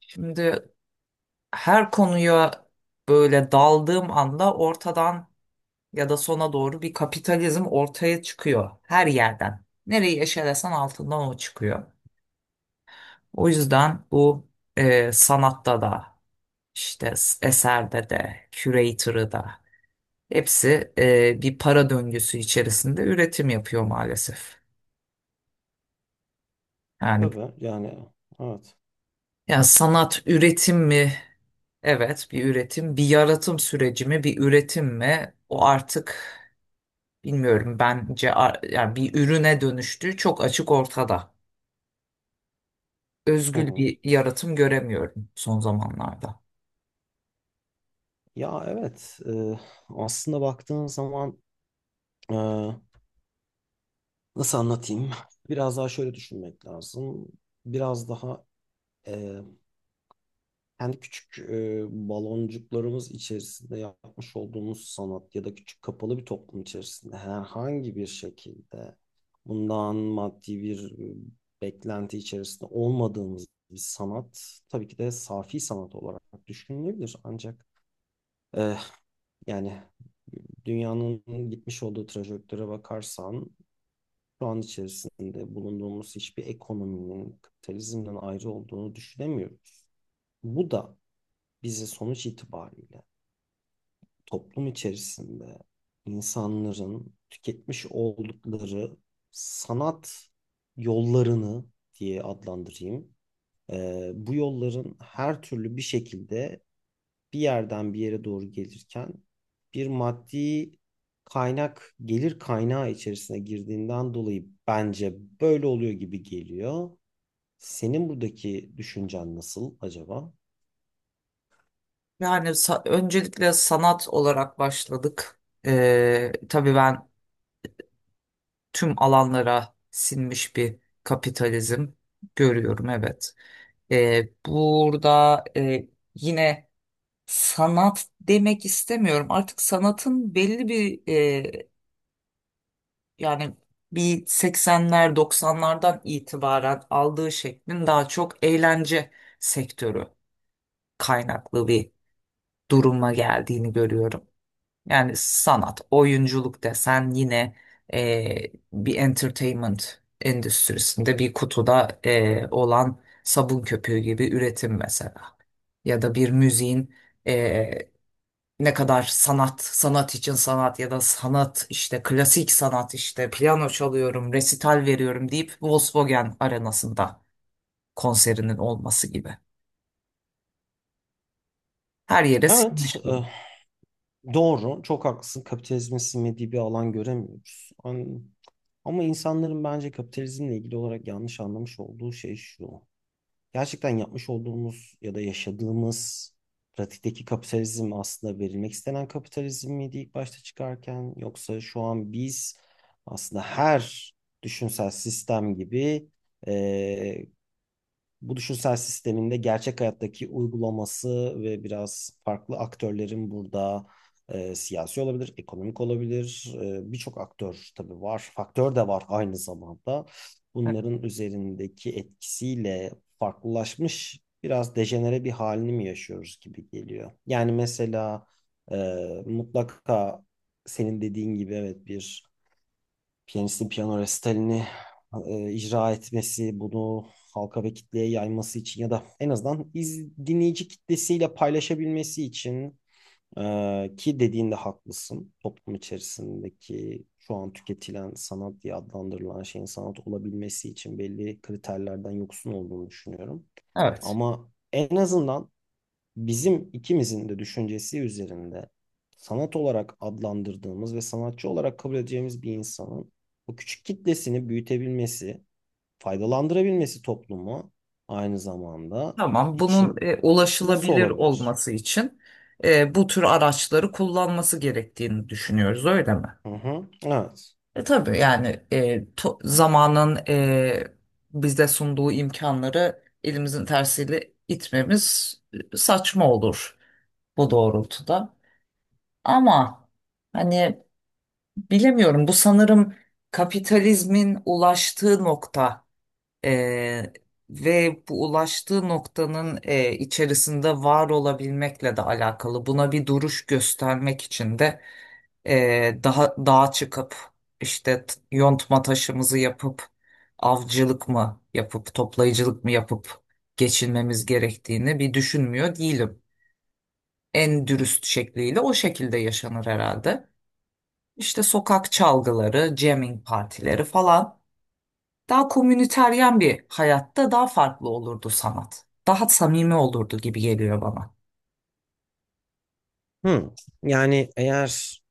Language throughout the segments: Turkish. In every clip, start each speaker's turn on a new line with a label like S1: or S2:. S1: Şimdi her konuya böyle daldığım anda ortadan ya da sona doğru bir kapitalizm ortaya çıkıyor. Her yerden. Nereyi eşelesen altından o çıkıyor. O yüzden bu sanatta da işte eserde de curator'ı da hepsi bir para döngüsü içerisinde üretim yapıyor maalesef. Yani
S2: Tabii yani, evet.
S1: ya sanat üretim mi? Evet, bir üretim, bir yaratım süreci mi, bir üretim mi? O artık bilmiyorum, bence yani bir ürüne dönüştüğü çok açık ortada.
S2: Hı
S1: Özgül
S2: hı.
S1: bir yaratım göremiyorum son zamanlarda.
S2: Ya evet e, aslında baktığın zaman, e, nasıl anlatayım? Biraz daha şöyle düşünmek lazım. Biraz daha e, kendi küçük baloncuklarımız içerisinde yapmış olduğumuz sanat ya da küçük kapalı bir toplum içerisinde herhangi bir şekilde bundan maddi bir beklenti içerisinde olmadığımız bir sanat tabii ki de safi sanat olarak düşünülebilir ancak, e, yani dünyanın gitmiş olduğu trajektöre bakarsan şu an içerisinde bulunduğumuz hiçbir ekonominin kapitalizmden ayrı olduğunu düşünemiyoruz. Bu da bize sonuç itibariyle toplum içerisinde insanların tüketmiş oldukları sanat yollarını diye adlandırayım. Bu yolların her türlü bir şekilde bir yerden bir yere doğru gelirken bir maddi kaynak, gelir kaynağı içerisine girdiğinden dolayı bence böyle oluyor gibi geliyor. Senin buradaki düşüncen nasıl acaba?
S1: Yani öncelikle sanat olarak başladık. Tabii ben tüm alanlara sinmiş bir kapitalizm görüyorum, evet. Burada yine sanat demek istemiyorum. Artık sanatın belli bir yani bir 80'ler 90'lardan itibaren aldığı şeklin daha çok eğlence sektörü kaynaklı bir duruma geldiğini görüyorum. Yani sanat, oyunculuk desen yine bir entertainment endüstrisinde bir kutuda olan sabun köpüğü gibi üretim mesela. Ya da bir müziğin e, ne kadar sanat, sanat için sanat ya da sanat işte klasik sanat işte piyano çalıyorum, resital veriyorum deyip Volkswagen arenasında konserinin olması gibi. Her yere
S2: Evet,
S1: sinmiş durum.
S2: doğru. Çok haklısın. Kapitalizmin sinmediği bir alan göremiyoruz. An- Ama insanların bence kapitalizmle ilgili olarak yanlış anlamış olduğu şey şu: gerçekten yapmış olduğumuz ya da yaşadığımız pratikteki kapitalizm aslında verilmek istenen kapitalizm miydi ilk başta çıkarken, yoksa şu an biz aslında her düşünsel sistem gibi e, bu düşünsel sisteminde gerçek hayattaki uygulaması ve biraz farklı aktörlerin burada, siyasi olabilir, ekonomik olabilir. Birçok aktör tabii var. Faktör de var aynı zamanda. Bunların üzerindeki etkisiyle farklılaşmış biraz dejenere bir halini mi yaşıyoruz gibi geliyor. Yani mesela e, mutlaka senin dediğin gibi evet bir piyanistin piyano resitalini icra etmesi, bunu halka ve kitleye yayması için ya da en azından iz, dinleyici kitlesiyle paylaşabilmesi için, ki dediğinde haklısın. Toplum içerisindeki şu an tüketilen sanat diye adlandırılan şeyin sanat olabilmesi için belli kriterlerden yoksun olduğunu düşünüyorum.
S1: Evet.
S2: Ama en azından bizim ikimizin de düşüncesi üzerinde sanat olarak adlandırdığımız ve sanatçı olarak kabul edeceğimiz bir insanın o küçük kitlesini büyütebilmesi, faydalandırabilmesi toplumu aynı zamanda
S1: Tamam. Bunun
S2: için nasıl
S1: ulaşılabilir
S2: olabilir?
S1: olması için bu tür araçları kullanması gerektiğini düşünüyoruz, öyle mi?
S2: Hı hı. Evet.
S1: Tabii yani zamanın bize sunduğu imkanları elimizin tersiyle itmemiz saçma olur bu doğrultuda. Ama hani bilemiyorum, bu sanırım kapitalizmin ulaştığı nokta. Eee, ve bu ulaştığı noktanın içerisinde var olabilmekle de alakalı. Buna bir duruş göstermek için de daha dağa çıkıp işte yontma taşımızı yapıp avcılık mı yapıp toplayıcılık mı yapıp geçinmemiz gerektiğini bir düşünmüyor değilim. En dürüst şekliyle o şekilde yaşanır herhalde. İşte sokak çalgıları, jamming partileri falan. Daha komüniteryen bir hayatta daha farklı olurdu sanat. Daha samimi olurdu gibi geliyor bana.
S2: Hı. Yani eğer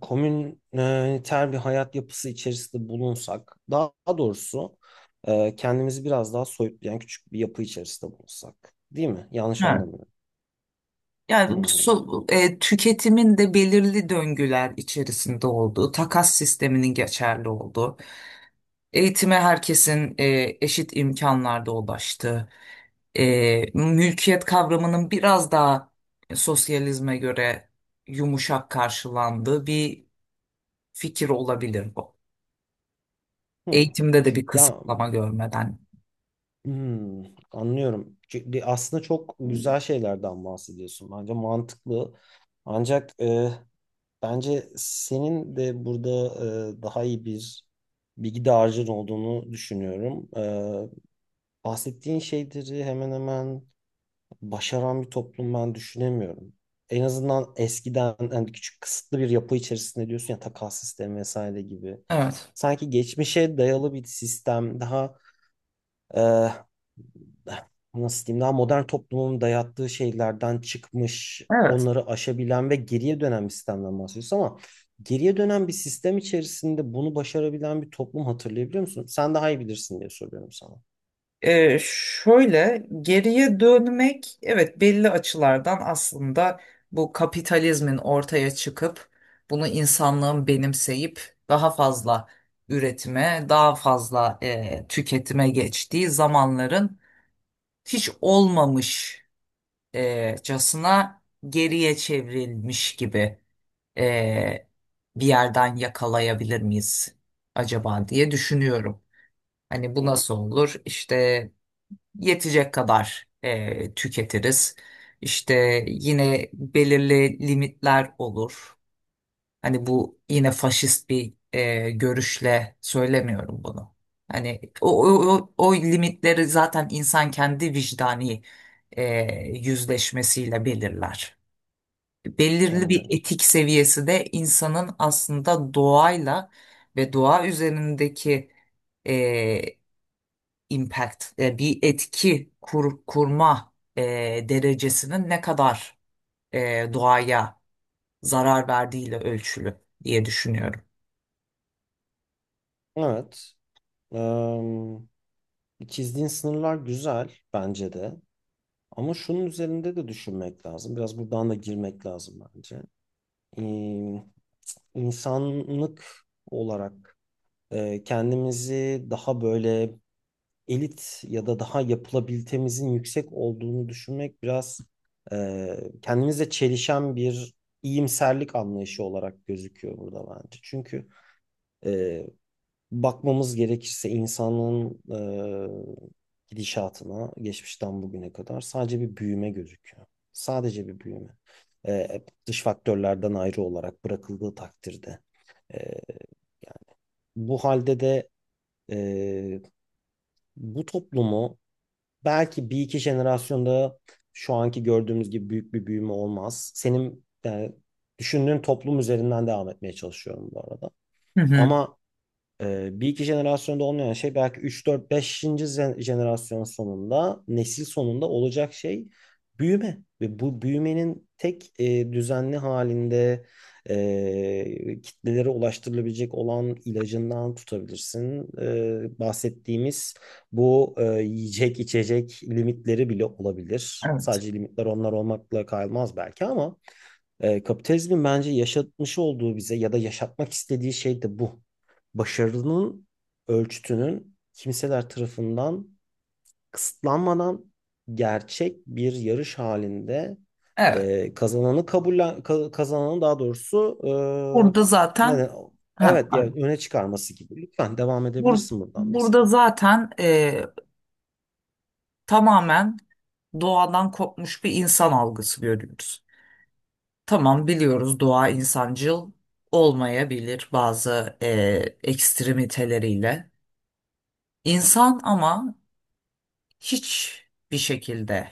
S2: komüniter bir hayat yapısı içerisinde bulunsak, daha doğrusu kendimizi biraz daha soyutlayan küçük bir yapı içerisinde bulunsak, değil mi? Yanlış
S1: Evet.
S2: anlamıyorum. Hı
S1: Yani bu
S2: hı.
S1: tüketimin de belirli döngüler içerisinde olduğu, takas sisteminin geçerli olduğu, eğitime herkesin eşit imkanlarda ulaştığı, mülkiyet kavramının biraz daha sosyalizme göre yumuşak karşılandığı bir fikir olabilir bu.
S2: Hı.
S1: Eğitimde de bir
S2: Ya
S1: kısıtlama görmeden.
S2: hmm, anlıyorum. Çünkü aslında çok güzel şeylerden bahsediyorsun. Bence mantıklı. Ancak bence senin de burada daha iyi bir bilgi dağarcığın olduğunu düşünüyorum. Bahsettiğin şeyleri hemen hemen başaran bir toplum ben düşünemiyorum. En azından eskiden hani küçük kısıtlı bir yapı içerisinde diyorsun ya, takas sistemi vesaire gibi.
S1: Evet.
S2: Sanki geçmişe dayalı bir sistem, daha nasıl diyeyim, daha modern toplumun dayattığı şeylerden çıkmış,
S1: Evet.
S2: onları aşabilen ve geriye dönen bir sistemden bahsediyoruz ama geriye dönen bir sistem içerisinde bunu başarabilen bir toplum hatırlayabiliyor musun? Sen daha iyi bilirsin diye soruyorum sana.
S1: Şöyle geriye dönmek, evet, belli açılardan aslında bu kapitalizmin ortaya çıkıp bunu insanlığın benimseyip daha fazla üretime, daha fazla tüketime geçtiği zamanların hiç olmamış casına geriye çevrilmiş gibi e, bir yerden yakalayabilir miyiz acaba diye düşünüyorum. Hani bu
S2: Hı,
S1: nasıl olur? İşte yetecek kadar tüketiriz. İşte yine belirli limitler olur. Hani bu yine faşist bir görüşle söylemiyorum bunu. Hani o limitleri zaten insan kendi vicdani e, yüzleşmesiyle belirler. Belirli bir
S2: anlıyorum.
S1: etik seviyesi de insanın aslında doğayla ve doğa üzerindeki e, impact, bir etki kurma derecesinin ne kadar doğaya zarar verdiğiyle ölçülü diye düşünüyorum.
S2: Evet. Eee, çizdiğin sınırlar güzel bence de. Ama şunun üzerinde de düşünmek lazım. Biraz buradan da girmek lazım bence. Eee insanlık olarak kendimizi daha böyle elit ya da daha yapılabilitemizin yüksek olduğunu düşünmek biraz kendimizle çelişen bir iyimserlik anlayışı olarak gözüküyor burada bence. Çünkü e, bakmamız gerekirse insanın gidişatına geçmişten bugüne kadar sadece bir büyüme gözüküyor. Sadece bir büyüme. Dış faktörlerden ayrı olarak bırakıldığı takdirde. E, Bu halde de e, bu toplumu belki bir iki jenerasyonda şu anki gördüğümüz gibi büyük bir büyüme olmaz. Senin yani düşündüğün toplum üzerinden devam etmeye çalışıyorum bu arada.
S1: Hı hı.
S2: Ama bir iki jenerasyonda olmayan şey belki 3, 4, 5. jenerasyon sonunda, nesil sonunda olacak şey büyüme. Ve bu büyümenin tek düzenli halinde kitlelere ulaştırılabilecek olan ilacından tutabilirsin. Bahsettiğimiz bu yiyecek içecek limitleri bile olabilir.
S1: Evet.
S2: Sadece limitler onlar olmakla kalmaz belki ama kapitalizmin bence yaşatmış olduğu bize ya da yaşatmak istediği şey de bu. Başarının ölçütünün kimseler tarafından kısıtlanmadan, gerçek bir yarış halinde,
S1: Evet.
S2: kazananı kabullen ka- kazananı daha doğrusu
S1: Burada
S2: e, ne de-
S1: zaten, ha,
S2: evet ya,
S1: pardon.
S2: öne çıkarması gibi. Lütfen devam
S1: Bur-
S2: edebilirsin buradan
S1: burada
S2: mesela.
S1: zaten tamamen doğadan kopmuş bir insan algısı görüyoruz. Tamam, biliyoruz doğa insancıl olmayabilir bazı ekstremiteleriyle. İnsan ama hiçbir şekilde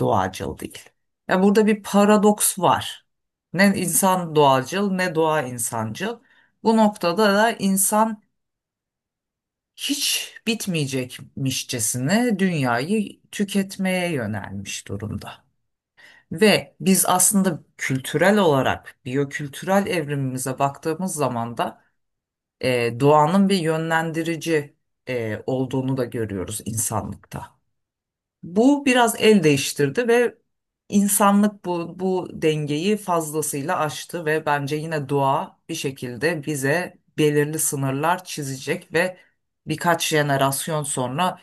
S1: doğacıl değil. Ya burada bir paradoks var. Ne insan doğacıl ne doğa insancıl. Bu noktada da insan hiç bitmeyecekmişçesine dünyayı tüketmeye yönelmiş durumda. Ve biz aslında kültürel olarak biyokültürel evrimimize baktığımız zaman da doğanın bir yönlendirici olduğunu da görüyoruz insanlıkta. Bu biraz el değiştirdi ve insanlık bu dengeyi fazlasıyla aştı ve bence yine doğa bir şekilde bize belirli sınırlar çizecek ve birkaç jenerasyon sonra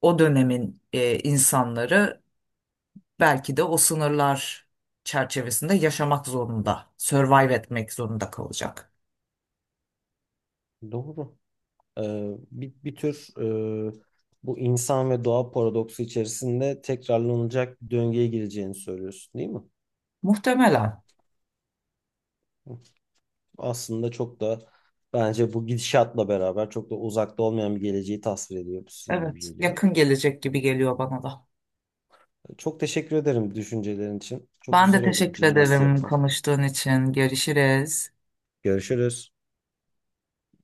S1: o dönemin insanları belki de o sınırlar çerçevesinde yaşamak zorunda, survive etmek zorunda kalacak.
S2: Doğru. e, Bir, bir tür e, bu insan ve doğa paradoksu içerisinde tekrarlanacak bir döngüye gireceğini söylüyorsun, değil mi?
S1: Muhtemelen.
S2: Aslında çok da, bence bu gidişatla beraber çok da uzakta olmayan bir geleceği tasvir ediyor bu sizin gibi
S1: Evet,
S2: geliyor.
S1: yakın gelecek gibi geliyor bana da.
S2: Çok teşekkür ederim düşüncelerin için. Çok
S1: Ben de
S2: güzel oldu bu
S1: teşekkür
S2: jimnastiği
S1: ederim
S2: yapmak.
S1: konuştuğun için. Görüşürüz.
S2: Görüşürüz.